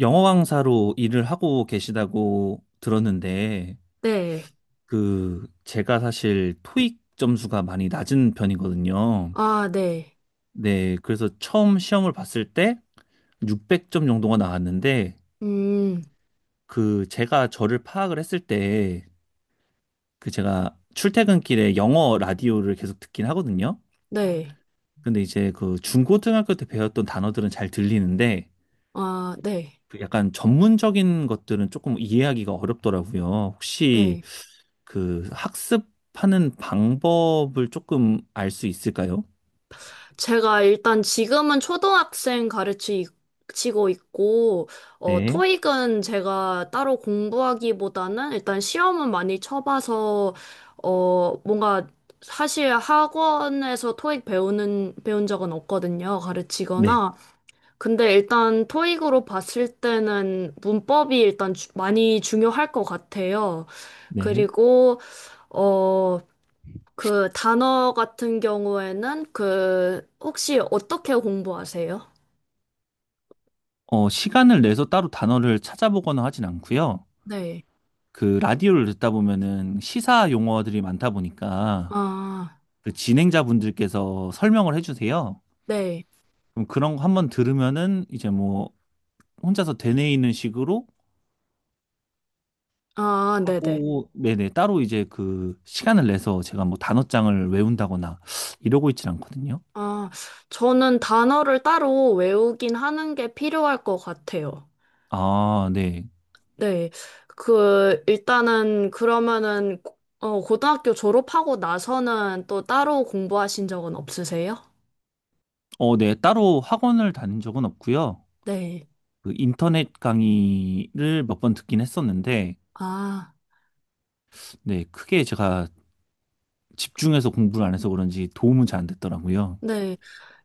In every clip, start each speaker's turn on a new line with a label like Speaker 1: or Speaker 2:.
Speaker 1: 영어 강사로 일을 하고 계시다고 들었는데,
Speaker 2: 네.
Speaker 1: 그, 제가 사실 토익 점수가 많이 낮은 편이거든요.
Speaker 2: 아, 네.
Speaker 1: 네, 그래서 처음 시험을 봤을 때 600점 정도가 나왔는데,
Speaker 2: 음,
Speaker 1: 그, 제가 저를 파악을 했을 때, 그, 제가 출퇴근길에 영어 라디오를 계속 듣긴 하거든요.
Speaker 2: 네.
Speaker 1: 근데 이제 그 중고등학교 때 배웠던 단어들은 잘 들리는데,
Speaker 2: 아, 네.
Speaker 1: 그 약간 전문적인 것들은 조금 이해하기가 어렵더라고요. 혹시
Speaker 2: 네.
Speaker 1: 그 학습하는 방법을 조금 알 수 있을까요?
Speaker 2: 제가 일단 지금은 초등학생 가르치고 있고,
Speaker 1: 네,
Speaker 2: 토익은 제가 따로 공부하기보다는 일단 시험은 많이 쳐봐서, 뭔가 사실 학원에서 토익 배운 적은 없거든요.
Speaker 1: 네,
Speaker 2: 가르치거나. 근데 일단 토익으로 봤을 때는 문법이 일단 많이 중요할 것 같아요.
Speaker 1: 네.
Speaker 2: 그리고 어, 그 단어 같은 경우에는 그 혹시 어떻게 공부하세요?
Speaker 1: 어, 시간을 내서 따로 단어를 찾아보거나 하진 않고요.
Speaker 2: 네.
Speaker 1: 그 라디오를 듣다 보면은 시사 용어들이 많다 보니까
Speaker 2: 아,
Speaker 1: 그 진행자분들께서 설명을 해주세요.
Speaker 2: 네.
Speaker 1: 그럼 그런 거 한번 들으면은 이제 뭐 혼자서 되뇌이는 식으로
Speaker 2: 아, 네네.
Speaker 1: 하고, 네네, 따로 이제 그 시간을 내서 제가 뭐 단어장을 외운다거나 이러고 있진 않거든요.
Speaker 2: 아, 저는 단어를 따로 외우긴 하는 게 필요할 것 같아요.
Speaker 1: 아, 네.
Speaker 2: 네. 그, 일단은 그러면은, 고등학교 졸업하고 나서는 또 따로 공부하신 적은 없으세요?
Speaker 1: 어, 네. 따로 학원을 다닌 적은 없고요.
Speaker 2: 네.
Speaker 1: 그 인터넷 강의를 몇 번 듣긴 했었는데,
Speaker 2: 아.
Speaker 1: 네. 크게 제가 집중해서 공부를 안 해서 그런지 도움은 잘 안 됐더라고요.
Speaker 2: 네.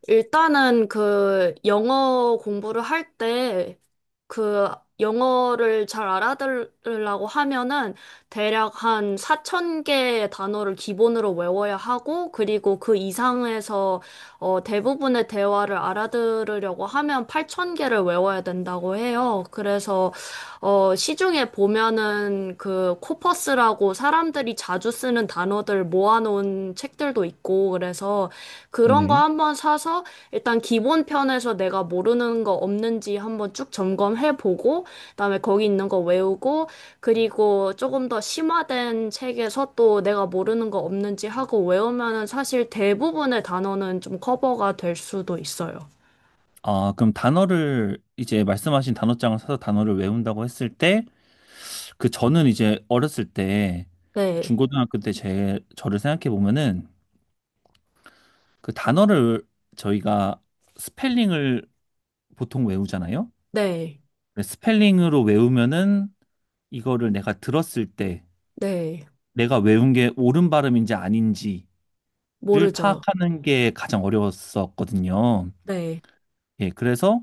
Speaker 2: 일단은 그 영어 공부를 할 때 그 영어를 잘 알아들으려고 하면은 대략 한 4천 개의 단어를 기본으로 외워야 하고 그리고 그 이상에서 대부분의 대화를 알아들으려고 하면 8천 개를 외워야 된다고 해요. 그래서 시중에 보면은 그 코퍼스라고 사람들이 자주 쓰는 단어들 모아놓은 책들도 있고 그래서 그런 거
Speaker 1: 네.
Speaker 2: 한번 사서 일단 기본 편에서 내가 모르는 거 없는지 한번 쭉 점검해 보고 그다음에 거기 있는 거 외우고 그리고 조금 더 심화된 책에서 또 내가 모르는 거 없는지 하고 외우면은 사실 대부분의 단어는 좀 커버가 될 수도 있어요.
Speaker 1: 아, 그럼 단어를 이제 말씀하신 단어장을 사서 단어를 외운다고 했을 때, 그 저는 이제 어렸을 때,
Speaker 2: 네.
Speaker 1: 중고등학교 때 저를 생각해 보면은 그 단어를 저희가 스펠링을 보통 외우잖아요.
Speaker 2: 네.
Speaker 1: 스펠링으로 외우면은 이거를 내가 들었을 때
Speaker 2: 네.
Speaker 1: 내가 외운 게 옳은 발음인지 아닌지를
Speaker 2: 모르죠.
Speaker 1: 파악하는 게 가장 어려웠었거든요.
Speaker 2: 네.
Speaker 1: 예, 그래서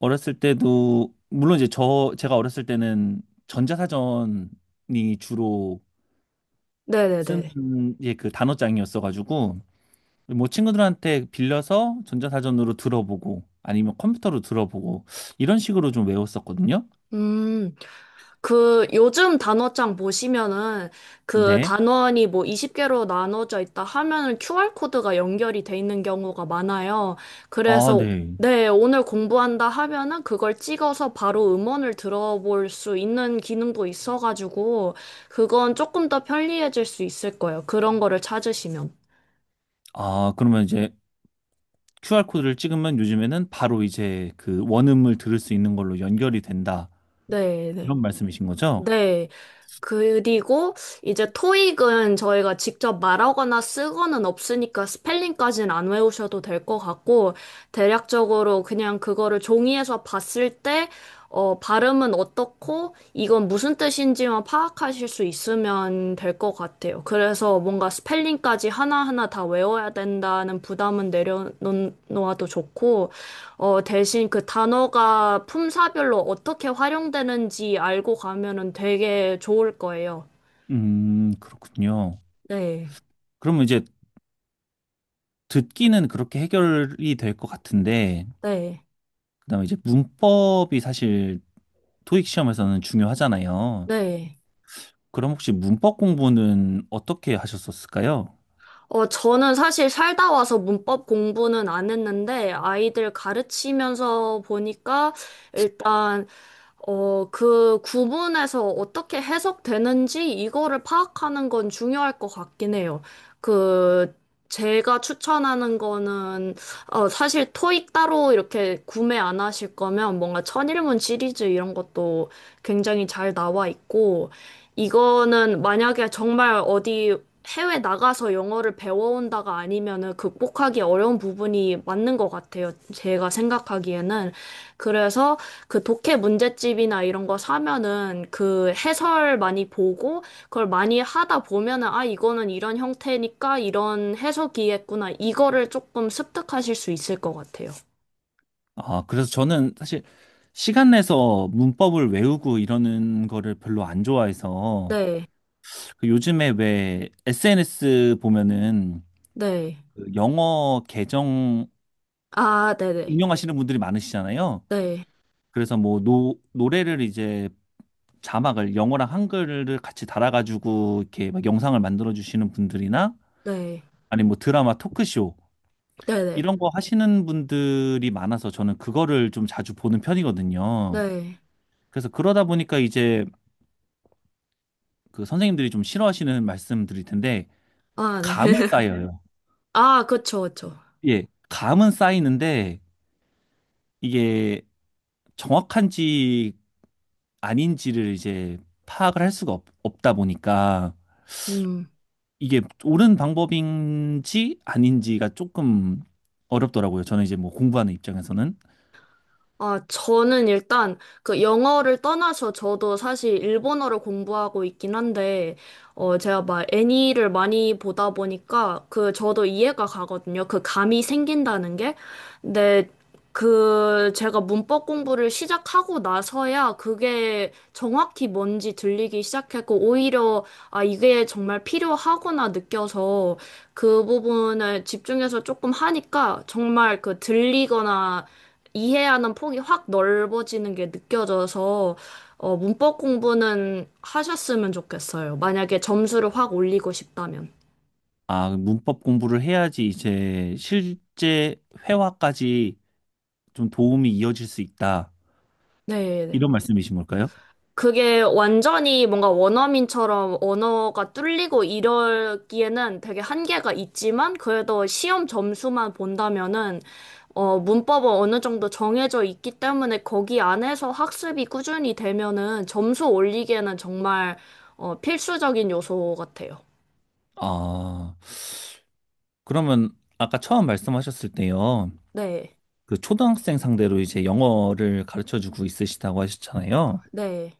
Speaker 1: 어렸을 때도 물론 이제 제가 어렸을 때는 전자사전이 주로
Speaker 2: 네네네.
Speaker 1: 쓰는 예, 그 단어장이었어가지고 뭐 친구들한테 빌려서 전자사전으로 들어보고 아니면 컴퓨터로 들어보고 이런 식으로 좀 외웠었거든요.
Speaker 2: 음, 그 요즘 단어장 보시면은 그
Speaker 1: 네.
Speaker 2: 단원이 뭐 20개로 나눠져 있다 하면은 QR코드가 연결이 돼 있는 경우가 많아요.
Speaker 1: 아,
Speaker 2: 그래서
Speaker 1: 네.
Speaker 2: 네, 오늘 공부한다 하면은 그걸 찍어서 바로 음원을 들어볼 수 있는 기능도 있어가지고 그건 조금 더 편리해질 수 있을 거예요. 그런 거를 찾으시면.
Speaker 1: 아, 그러면 이제 QR코드를 찍으면 요즘에는 바로 이제 그 원음을 들을 수 있는 걸로 연결이 된다.
Speaker 2: 네, 네.
Speaker 1: 그런 말씀이신 거죠?
Speaker 2: 네. 그리고 이제 토익은 저희가 직접 말하거나 쓰거나 없으니까 스펠링까지는 안 외우셔도 될 것 같고, 대략적으로 그냥 그거를 종이에서 봤을 때, 발음은 어떻고, 이건 무슨 뜻인지만 파악하실 수 있으면 될 것 같아요. 그래서 뭔가 스펠링까지 하나하나 다 외워야 된다는 부담은 내려놓아도 좋고, 대신 그 단어가 품사별로 어떻게 활용되는지 알고 가면은 되게 좋을 거예요.
Speaker 1: 그렇군요.
Speaker 2: 네,
Speaker 1: 그러면 이제 듣기는 그렇게 해결이 될 것 같은데,
Speaker 2: 네,
Speaker 1: 그다음에 이제 문법이 사실 토익 시험에서는 중요하잖아요.
Speaker 2: 네.
Speaker 1: 그럼 혹시 문법 공부는 어떻게 하셨었을까요?
Speaker 2: 저는 사실 살다 와서 문법 공부는 안 했는데, 아이들 가르치면서 보니까, 일단, 그 구문에서 어떻게 해석되는지 이거를 파악하는 건 중요할 것 같긴 해요. 그, 제가 추천하는 거는, 사실 토익 따로 이렇게 구매 안 하실 거면 뭔가 천일문 시리즈 이런 것도 굉장히 잘 나와 있고, 이거는 만약에 정말 어디 해외 나가서 영어를 배워온다가 아니면은 극복하기 어려운 부분이 맞는 것 같아요. 제가 생각하기에는. 그래서 그 독해 문제집이나 이런 거 사면은 그 해설 많이 보고 그걸 많이 하다 보면은 아, 이거는 이런 형태니까 이런 해석이겠구나. 이거를 조금 습득하실 수 있을 것 같아요.
Speaker 1: 아, 그래서 저는 사실 시간 내서 문법을 외우고 이러는 거를 별로 안 좋아해서
Speaker 2: 네,
Speaker 1: 그 요즘에 왜 SNS 보면은
Speaker 2: 네.
Speaker 1: 그 영어 계정
Speaker 2: 아, 네네.
Speaker 1: 운영하시는 분들이 많으시잖아요.
Speaker 2: 네,
Speaker 1: 그래서 뭐 노래를 이제 자막을 영어랑 한글을 같이 달아가지고 이렇게 막 영상을 만들어 주시는 분들이나
Speaker 2: 네.
Speaker 1: 아니면 뭐 드라마 토크쇼
Speaker 2: 네네.
Speaker 1: 이런 거 하시는 분들이 많아서 저는 그거를 좀 자주 보는 편이거든요.
Speaker 2: 네.
Speaker 1: 그래서 그러다 보니까 이제 그 선생님들이 좀 싫어하시는 말씀드릴 텐데
Speaker 2: 아, 네.
Speaker 1: 감은 쌓여요.
Speaker 2: 아, 그쵸, 그쵸.
Speaker 1: 예, 감은 쌓이는데 이게 정확한지 아닌지를 이제 파악을 할 수가 다 보니까
Speaker 2: 음.
Speaker 1: 이게 옳은 방법인지 아닌지가 조금 어렵더라고요. 저는 이제 뭐 공부하는 입장에서는
Speaker 2: 아, 저는 일단 그 영어를 떠나서 저도 사실 일본어를 공부하고 있긴 한데, 제가 막 애니를 많이 보다 보니까 그 저도 이해가 가거든요. 그 감이 생긴다는 게. 근데 그 제가 문법 공부를 시작하고 나서야 그게 정확히 뭔지 들리기 시작했고, 오히려 아, 이게 정말 필요하구나 느껴서 그 부분을 집중해서 조금 하니까 정말 그 들리거나 이해하는 폭이 확 넓어지는 게 느껴져서 문법 공부는 하셨으면 좋겠어요. 만약에 점수를 확 올리고 싶다면.
Speaker 1: 아, 문법 공부를 해야지 이제 실제 회화까지 좀 도움이 이어질 수 있다.
Speaker 2: 네. 네.
Speaker 1: 이런 말씀이신 걸까요?
Speaker 2: 그게 완전히 뭔가 원어민처럼 언어가 뚫리고 이러기에는 되게 한계가 있지만 그래도 시험 점수만 본다면은 문법은 어느 정도 정해져 있기 때문에 거기 안에서 학습이 꾸준히 되면은 점수 올리기에는 정말 필수적인 요소 같아요.
Speaker 1: 아, 그러면 아까 처음 말씀하셨을 때요.
Speaker 2: 네.
Speaker 1: 그 초등학생 상대로 이제 영어를 가르쳐 주고 있으시다고 하셨잖아요.
Speaker 2: 네.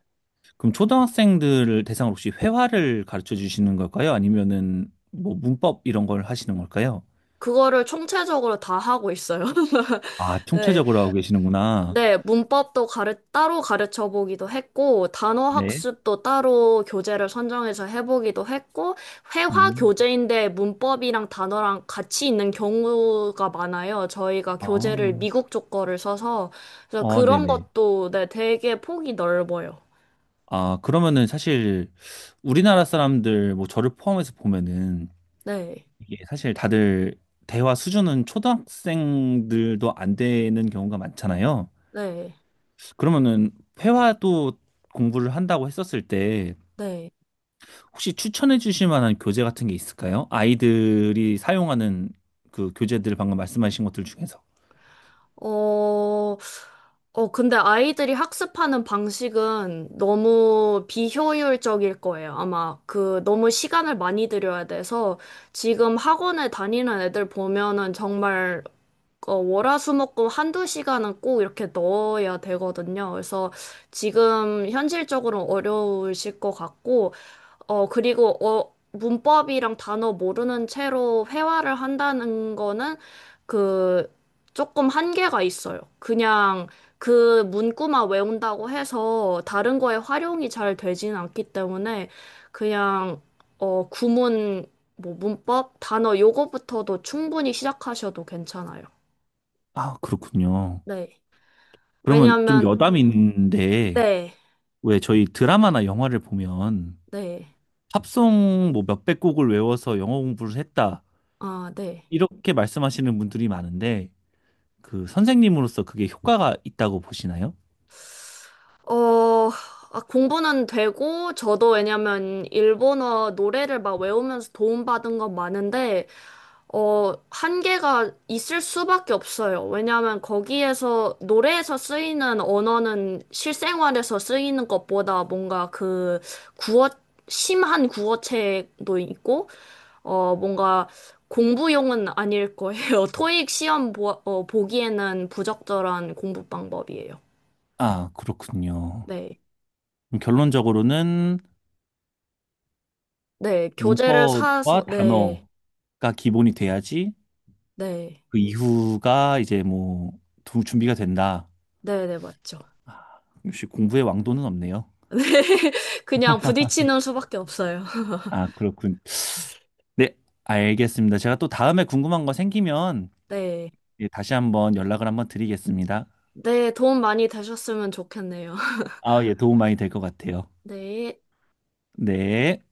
Speaker 1: 그럼 초등학생들을 대상으로 혹시 회화를 가르쳐 주시는 걸까요? 아니면은 뭐 문법 이런 걸 하시는 걸까요?
Speaker 2: 그거를 총체적으로 다 하고 있어요.
Speaker 1: 아,
Speaker 2: 네.
Speaker 1: 총체적으로 하고 계시는구나.
Speaker 2: 네, 문법도 따로 가르쳐 보기도 했고, 단어
Speaker 1: 네.
Speaker 2: 학습도 따로 교재를 선정해서 해보기도 했고, 회화
Speaker 1: 음.
Speaker 2: 교재인데 문법이랑 단어랑 같이 있는 경우가 많아요. 저희가 교재를
Speaker 1: 아,
Speaker 2: 미국 쪽 거를 써서, 그래서
Speaker 1: 어,
Speaker 2: 그런
Speaker 1: 네네.
Speaker 2: 것도, 네, 되게 폭이 넓어요.
Speaker 1: 아, 그러면은 사실 우리나라 사람들 뭐 저를 포함해서 보면은
Speaker 2: 네,
Speaker 1: 이게 사실 다들 대화 수준은 초등학생들도 안 되는 경우가 많잖아요.
Speaker 2: 네,
Speaker 1: 그러면은 회화도 공부를 한다고 했었을 때
Speaker 2: 네.
Speaker 1: 혹시 추천해 주실 만한 교재 같은 게 있을까요? 아이들이 사용하는 그 교재들 방금 말씀하신 것들 중에서.
Speaker 2: 어, 근데 아이들이 학습하는 방식은 너무 비효율적일 거예요. 아마 그 너무 시간을 많이 들여야 돼서 지금 학원에 다니는 애들 보면은 정말 월화수목금 한두 시간은 꼭 이렇게 넣어야 되거든요. 그래서 지금 현실적으로 어려우실 것 같고, 그리고 문법이랑 단어 모르는 채로 회화를 한다는 거는 그 조금 한계가 있어요. 그냥 그 문구만 외운다고 해서 다른 거에 활용이 잘 되지는 않기 때문에 그냥 구문, 뭐 문법, 단어 요거부터도 충분히 시작하셔도 괜찮아요.
Speaker 1: 아, 그렇군요.
Speaker 2: 네.
Speaker 1: 그러면 좀
Speaker 2: 왜냐하면,
Speaker 1: 여담이 있는데,
Speaker 2: 네,
Speaker 1: 왜 저희 드라마나 영화를 보면
Speaker 2: 네,
Speaker 1: 팝송 뭐 몇백 곡을 외워서 영어 공부를 했다.
Speaker 2: 아, 네.
Speaker 1: 이렇게 말씀하시는 분들이 많은데, 그 선생님으로서 그게 효과가 있다고 보시나요?
Speaker 2: 어, 아, 공부는 되고, 저도 왜냐면, 일본어 노래를 막 외우면서 도움받은 건 많은데, 한계가 있을 수밖에 없어요. 왜냐면 노래에서 쓰이는 언어는 실생활에서 쓰이는 것보다 뭔가 그, 구어, 심한 구어체도 있고, 뭔가 공부용은 아닐 거예요. 토익 시험 보기에는 부적절한 공부 방법이에요.
Speaker 1: 아, 그렇군요.
Speaker 2: 네.
Speaker 1: 그럼 결론적으로는
Speaker 2: 네, 교재를 사서,
Speaker 1: 문법과
Speaker 2: 네,
Speaker 1: 단어가 기본이 돼야지
Speaker 2: 네,
Speaker 1: 그 이후가 이제 뭐 준비가 된다.
Speaker 2: 네, 네, 맞죠.
Speaker 1: 아, 역시 공부의 왕도는 없네요.
Speaker 2: 네, 그냥 부딪히는 수밖에 없어요.
Speaker 1: 아, 그렇군. 네, 알겠습니다. 제가 또 다음에 궁금한 거 생기면
Speaker 2: 네,
Speaker 1: 예, 다시 한번 연락을 한번 드리겠습니다.
Speaker 2: 네, 도움 많이 되셨으면 좋겠네요.
Speaker 1: 아, 예, 도움 많이 될 것 같아요.
Speaker 2: 네.
Speaker 1: 네.